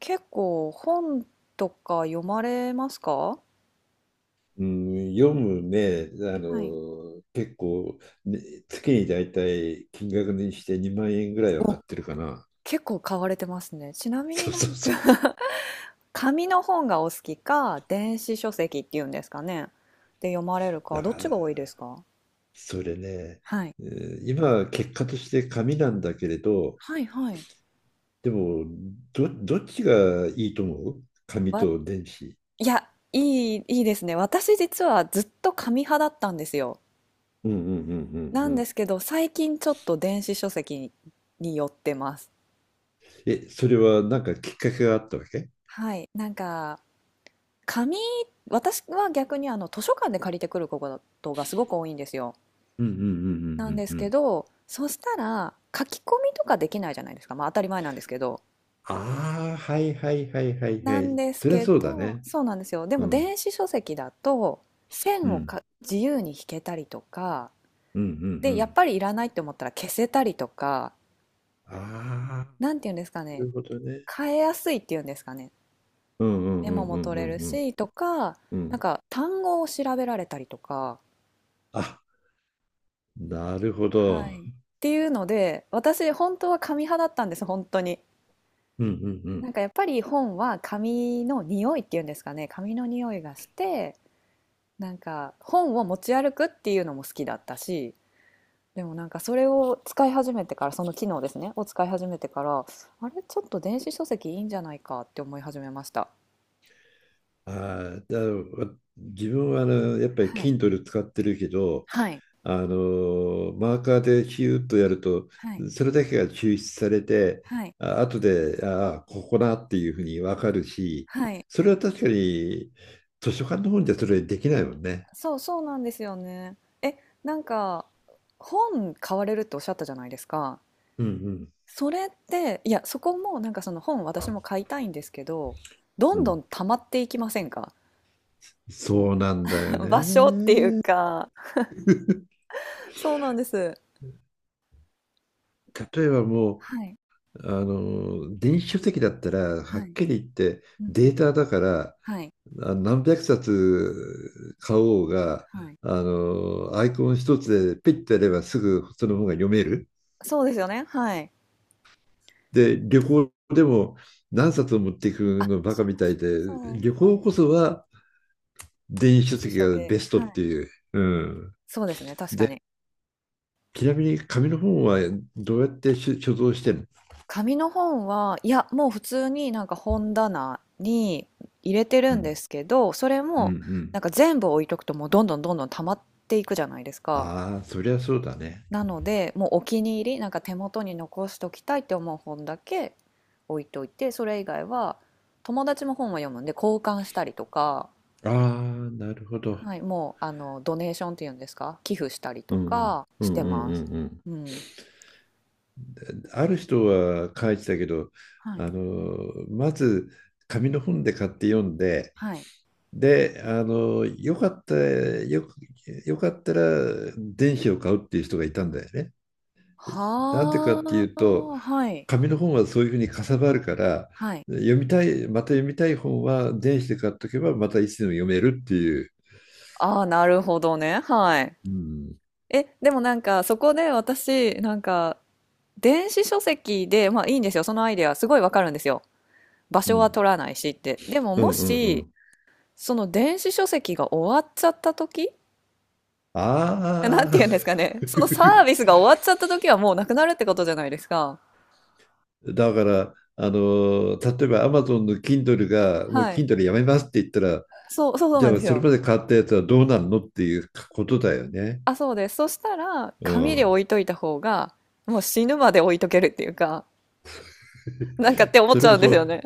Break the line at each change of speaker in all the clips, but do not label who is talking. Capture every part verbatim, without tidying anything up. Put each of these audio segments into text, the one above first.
結構本とか読まれますか？
うん、読むね、あ
はい。
の、結構、ね、月にだいたい金額にしてにまん円ぐらいは買
お、
ってるかな。
結構買われてますね。ちな みに
そう
な
そう
んか
そう。
紙の本がお好きか、電子書籍っていうんですかね。で読まれるか、
だ
ど
か
っちが多いです
ら、
か？
それね、
はい。
えー今は結果として紙なんだけれど、
はいはい。
でも、ど、どっちがいいと思う紙
わ、
と電子。
いや、いい、いいですね。私実はずっと紙派だったんですよ。
うんうんうんうん
な
う
んで
ん。
すけど、最近ちょっと電子書籍に寄ってます。
え、それはなんかきっかけがあったわけ？
はい。なんか、紙、私は逆にあの図書館で借りてくることがすごく多いんですよ。
うんうんうんう
なん
ん
で
う
す
んう
け
ん。
ど、そしたら書き込みとかできないじゃないですか。まあ当たり前なんですけど。
ああ、はいはいはいはいは
なん
い。
です
そりゃ
け
そうだ
ど、
ね。
そうなんですよ。で
う
も
ん。
電子書籍だと
う
線を
ん。
か自由に引けたりとか、
うんう
で、やっ
ん、
ぱりいらないって思ったら消せたりとか、
ああ、
なんていうんですか
な
ね、
るほどね。
変えやすいっていうんですかね。
うん。うん
メ
う
モ
ん
も
うん
取
う
れ
ん
る
うん
しとか、
うんう
なん
ん、
か単語を調べられたりとか、
あ、なるほど。
はい。っていうので、私本当は紙派だったんです、本当に。
うんうんう
な
ん。
んかやっぱり本は紙の匂いっていうんですかね、紙の匂いがして、なんか本を持ち歩くっていうのも好きだったし、でもなんかそれを使い始めてから、その機能ですね、を使い始めてから、あれ、ちょっと電子書籍いいんじゃないかって思い始めました。
ああ、だわ自分はあのやっぱり
はい。
Kindle 使ってるけど、
はい。
あのマーカーでヒューッとやると、
はい。
それだけが抽出されて、
はい。
あ後で、ああ、ここだっていうふうに分かるし、
はい。
それは確かに図書館の本じゃそれできないもんね。
そうそうなんですよね。え、なんか本買われるっておっしゃったじゃないですか。
うん
それって、いや、そこもなんかその本私も買いたいんですけど、ど
うん。う
んど
ん。
ん溜まっていきませんか？
そうなんだよ
場所って
ね。
いうか、そうなんです。
例えばも
はい、
う、あの、電子書籍だったら、は
は
っ
い、
きり言って
うんう
デー
ん、
タだから、
はい、
あ何百冊買おうが、
はい。
あの、アイコン一つでピッてやればすぐその本が読める。
そうですよね、はい。
で、旅行でも何冊を持ってい
あ、
くのバ
そ
カ
う
みたい
そう
で、旅
そ
行こそは電子
う。
書
師
籍
生
が
系。
ベストっ
は
て
い。
いう。うん。
そうですね、確か
で、
に。
ちなみに紙の本はどうやって所所蔵してるの？
紙の本は、いや、もう普通になんか本棚に入れて
う
るん
ん。
ですけど、それ
うんう
もな
ん。
んか全部置いとくともうどんどんどんどん溜まっていくじゃないですか。
ああ、そりゃそうだね。
なので、もうお気に入り、なんか手元に残しときたいって思う本だけ置いといて、それ以外は友達も本を読むんで交換したりとか、
ああ、なるほど。
はい、もうあのドネーションっていうんですか、寄付したりと
うん
か
う
して
んうんう
ます。
んうん
うん。
うん、ある人は書いてたけど、
は
あ
い。
のまず紙の本で買って読んで、
はい。
で、あのよかったよ、よかったら電子を買うっていう人がいたんだよね。なんでか
は
っていうと、
あ、はい。
紙の本はそういうふうにかさばるから、
はい。
読みたい、また読みたい本は電子で買っとけば、またいつでも読めるっていう。
ああ、なるほどね。はい。え、でもなんかそこで私、なんか電子書籍で、まあいいんですよ。そのアイデアすごいわかるんですよ。場
う
所は
ん
取らないしって。でも
う
も
んうんうんう
し、
ん、
その電子書籍が終わっちゃった時なんて
あ
言うんですかね。
あ。
そのサービ スが終わっちゃった時はもうなくなるってことじゃないですか。
だから、あの、例えばアマゾンの Kindle が、もう
はい。
Kindle やめますって言ったら、
そう、そうそう
じ
なん
ゃ
で
あ
す
それ
よ。
まで買ったやつはどうなるのっていうことだよね。
あ、そうです。そしたら、
う
紙で
ん。
置いといた方が、もう死ぬまで置いとけるっていうか、なんかって思っ
そ
ち
れ
ゃ
こ
うんです
そ
よね。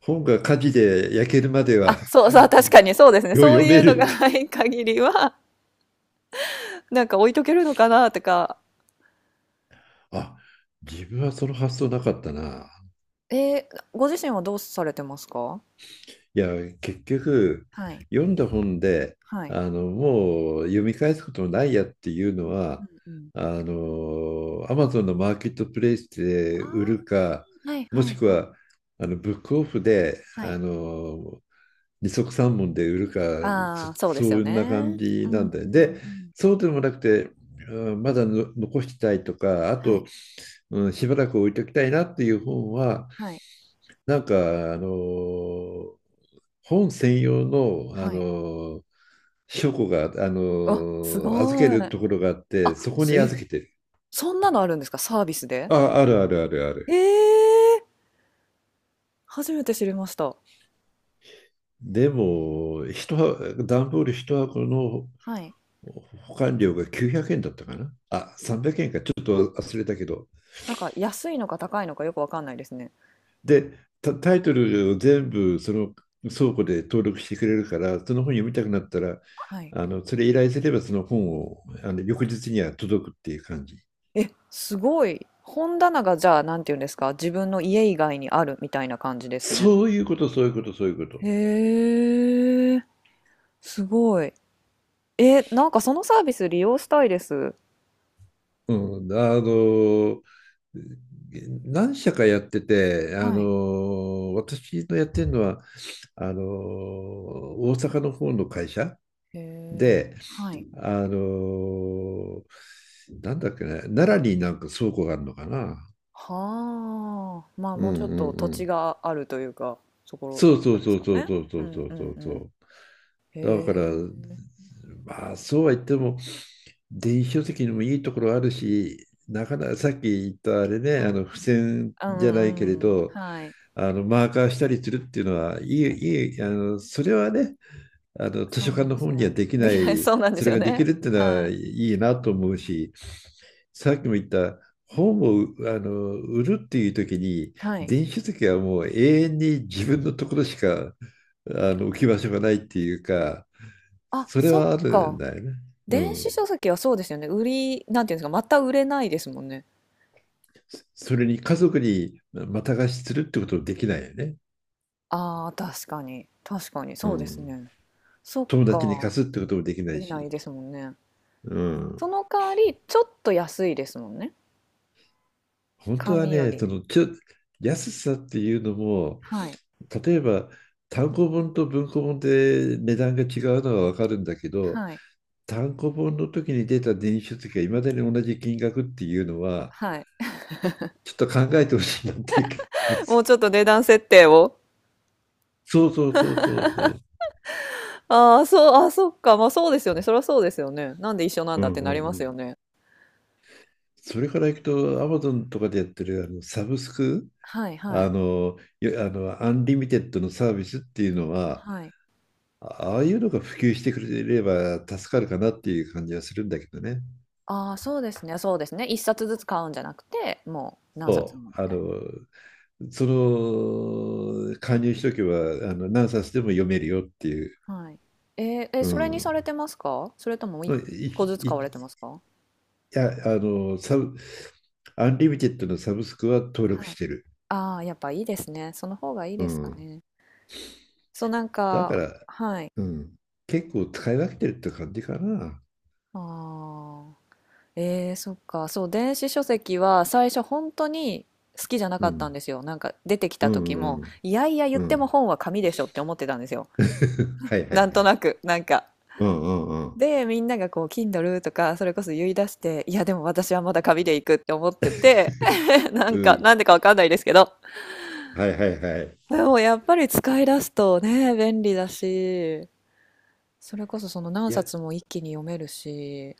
本が火事で焼けるまでは
あ、そうそう、確かにそうです ね。
よ
そう
読
い
め
うの
るっ
が
てい
な
う。
い限りは、なんか置いとけるのかなとか。
あ、自分はその発想なかったな。
えーご自身はどうされてますか？
いや、結局、
はい。
読んだ本で、
はい。
あの、もう読み返すこともないやっていうのは、
うんうん。
あの、アマゾンのマーケットプレイス
あ
で売
あ。
るか、
はい
も
はい
しく
はい。
は、あの、ブックオフで、
は
あ
い。
の、二足三文で売るか、そ、
ああ、そうで
そ
すよ
んな感
ね。う
じ
ん
な
うん
んだよ。で、
うん。
そうでもなくて、うんまだの残したいとか、あ
は
と、
い。
うん、しばらく置いときたいなっていう本は、
はい。
なんか、あのー本専用の、あ
はい。
のー書庫が、あの
あ、す
ー預け
ごい。
るところがあって、
あ、
そこ
す
に
え、
預けてる。
そんなのあるんですか？サービスで？
あ、あるあるあるある。
ええ、初めて知りました。
でも、一箱段ボール一箱の
はい。
保管料がきゅうひゃくえんだったかな。あ、さんびゃくえんか、ちょっと忘れたけど。
なんか安いのか高いのかよくわかんないですね。
で、タ、タイトルを全部その倉庫で登録してくれるから、その本読みたくなったら、
はい。
あのそれ依頼すればその本をあの翌日には届くっていう感じ。
え、すごい。本棚がじゃあ、なんて言うんですか、自分の家以外にあるみたいな感じですね。
そういうこと、そういうこと、そういうこと。
へえ、すごい。え、なんかそのサービス利用したいです。
うん、あの何社かやってて、あ
はい。
の私のやってるのはあの大阪の方の会社
へえ、
で、
はい。
あのなんだっけね、奈良になんか倉庫があるのかな。
はあ、まあ
う
もうちょ
ん
っ
うん
と土
う
地
ん。
があるというか、そころっ
そ
て
う
こ
そ
と
う
で
そ
す
う
か
そう
ね。
そうそ
う
うそ
ん
う
う
そ
ん
う
う
そ
ん。
う。
へ
だから、
え。
まあそうは言っても電子書籍にもいいところあるし、なかなかさっき言ったあれね、
は
あの付箋
い。う
じゃないけれ
んうん。
ど、
はい。
あのマーカーしたりするっていうのはいい、いい、あのそれはね、あの図
そ
書
うな
館
ん
の
です
本には
よ。
でき
で
な
きない、
い、
そうなんで
そ
す
れ
よ
ができ
ね。
るっていうのは
は
いいなと思うし、さっきも言った本をあの売るっていう時に、
い。はい。
電子書籍はもう永遠に自分のところしかあの置き場所がないっていうか、
あ、
それ
そっ
はあるん
か。
だよね。う
電子
ん。
書籍はそうですよね。売り、なんていうんですか、また売れないですもんね。
それに家族にまた貸しするってこともできないよね。
ああ、確かに。確かに。
う
そうです
ん。
ね。そっ
友達に
か。
貸すってこともできな
で
い
きない
し。
ですもんね。
う
そ
ん。
の代わり、ちょっと安いですもんね。
本当は
紙よ
ね、そ
り。
のちょ安さっていうのも、
はい。
例えば単行本と文庫本で値段が違うのは分かるんだけど、
はい。
単行本の時に出た電子書籍がいまだに同じ金額っていうのは
はい。
ちょっと考えてほしいなっていう気がしま
もう
す。
ちょっと値段設定を。
そうそうそうそうそう。
ああ、そう、あー、そっか。まあそうですよね。そりゃそうですよね。なんで一緒なん
う
だって
んうん
な
う
ります
ん。
よね。
それからいくと Amazon とかでやってるあのサブスク
はいは
あ
い
のよあのアンリミテッドのサービスっていうのは
はい。
あああいうのが普及してくれれば助かるかなっていう感じはするんだけどね。
ああ、そうですね、そうですね。一冊ずつ買うんじゃなくて、もう何冊
そ
も
う。
み
あ
た
の
い
その加入しとけばあの何冊でも読めるよっていう、
な。はい。えーえ、
う
それにさ
ん、
れてますか？それとも一
い
個ずつ
い
買
い
われてますか？
やあのサブアンリミテッドのサブスクは登録
は
し
い。
てる、
ああ、やっぱいいですね。その方がいい
う
ですか
ん、
ね。そう、なん
だか
か、
ら、
はい。
うん、結構使い分けてるって感じかな、
ああ。ええそっか。そう、電子書籍は最初本当に好きじゃな
う
かったん
ん、
ですよ。なんか出てき
う
た時
ん
も、
うん
いやいや言っ
うんう
ても
ん
本は紙でしょって思ってたんですよ。
はいは
な
い
ん
は
とな
い、
く、なんか。
うんうんうん
で、みんながこう、Kindle とか、それこそ言い出して、いや、でも私はまだ紙で行くって思ってて、な
う
んか、な
ん、
んでかわかんないですけど。
はいはいはい、
でもやっぱり使い出すとね、便利だし、それこそその何
いや、
冊も一気に読めるし、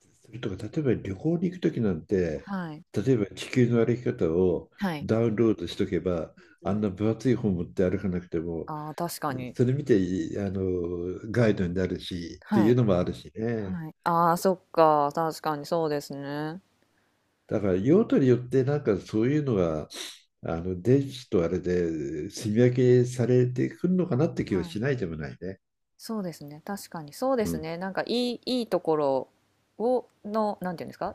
それとか、例えば旅行に行くときなんて、
はい。
例えば地球の歩き方を
はい。
ダウンロードしとけば、
う
あん
ん。
な分厚い本持って歩かなくても、
ああ、確かに。
それ見てあのガイドになるしって
は
いう
い。
のもあるしね。
はい。ああ、そっか。確かにそうですね。
だから用途によってなんかそういうのがあの電子とあれで積み分けされてくるのかなって気は
は
し
い。
ないでもないね。
そうですね。確かにそうで
う
す
ん、
ね。なんかいい、いいところを、の、なんていうんですか、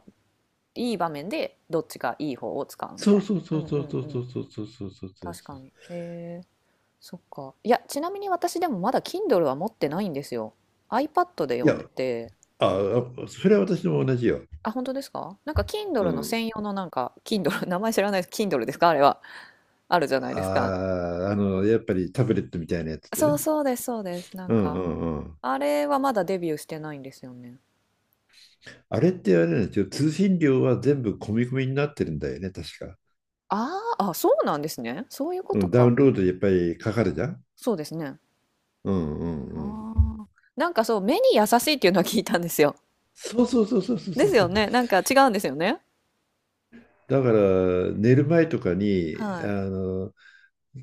いい場面でどっちがいい方を使うみ
そ
た
う
い
そう
な。
そ
う
う
ん
そ
う
う
ん
そ
う
うそ
ん。
うそうそうそうそうそう。
確かに。えー、そっか。いや、ちなみに私でもまだ Kindle は持ってないんですよ。iPad で
い
読
や、
んでて。
あ、あそれは私も同じよ。
あ、本当ですか？なんか
う
Kindle の
ん。
専用のなんか、Kindle、名前知らないです。Kindle ですかあれは。あるじゃないですか。
ああ、あの、やっぱりタブレットみたいなやつで
そう
ね。
そうです、そうです。なん
うんう
か、
んうん。
あれはまだデビューしてないんですよね。
あれってあれなんですよ。通信料は全部込み込みになってるんだよね、確か。
ああ、あ、そうなんですね。そういうこ
う
と
ん、ダウ
か。
ンロードやっぱりかかるじゃん。
そうですね。
うんうん
あ
うん。
あ。なんかそう、目に優しいっていうのは聞いたんですよ。
そうそうそうそうそう
で
そう
す
そ
よ
う。
ね。なんか違うんですよね。
だから寝る前とかに、あ
はい。
の、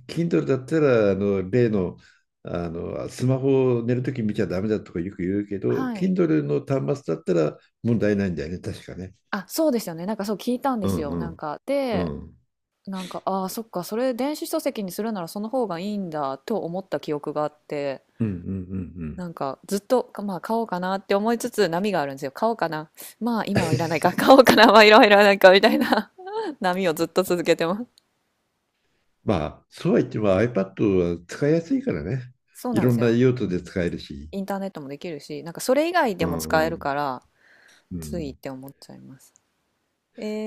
Kindle だったら、あの、例の、あの、スマホを寝るとき見ちゃダメだとかよく言うけど、
はい。
Kindle の端末だったら問題ないんだよね、確かね。
あ、そうですよね。なんかそう聞いたんで
う
す
ん
よ。
う
なん
ん
か、
う
で、
ん。
なんか、ああ、そっか、それ電子書籍にするならその方がいいんだと思った記憶があって、
うんうんうんうん。
なんかずっと、かまあ買おうかなって思いつつ波があるんですよ。買おうかな。まあ今はいらないか。買おうかな。まあいろいろないかみたいな 波をずっと続けてます。
まあ、そうは言っても iPad は使いやすいからね。
そう
い
なん
ろ
で
ん
す
な
よ。
用
う
途
んうん。
で使えるし。
インターネットもできるし、なんかそれ以外
う
でも使え
んう
るか
ん。
ら、
う
ついっ
ん、
て思っちゃいます。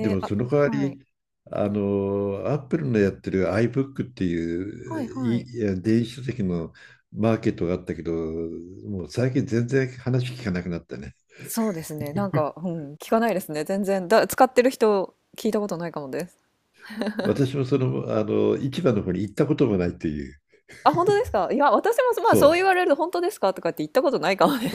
で
ー、
も
あ、
その代わ
はい。
り、あの、Apple のやってる iBook ってい
はい
う
はい。
いいや電子書籍のマーケットがあったけど、もう最近全然話聞かなくなったね。
そうですね。なんか、うん、聞かないですね。全然。だ、使ってる人、聞いたことないかもです。
私もその、あの、市場の方に行ったこともないっていう。
あ、本当ですか？いや、私も、まあ、そう
そ
言われると、本当ですかとかって言ったことないかもね。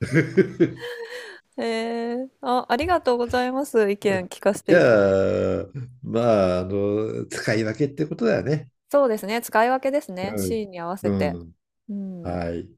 う。
えー、あ、ありがとうございます。意見聞かせて
じ
いただいて。
ゃあ、まあ、あの、使い分けってことだよね。
そうですね。使い分けですね。
う
シ
ん。
ーンに合わせ
う
て。
ん
うん。
はい。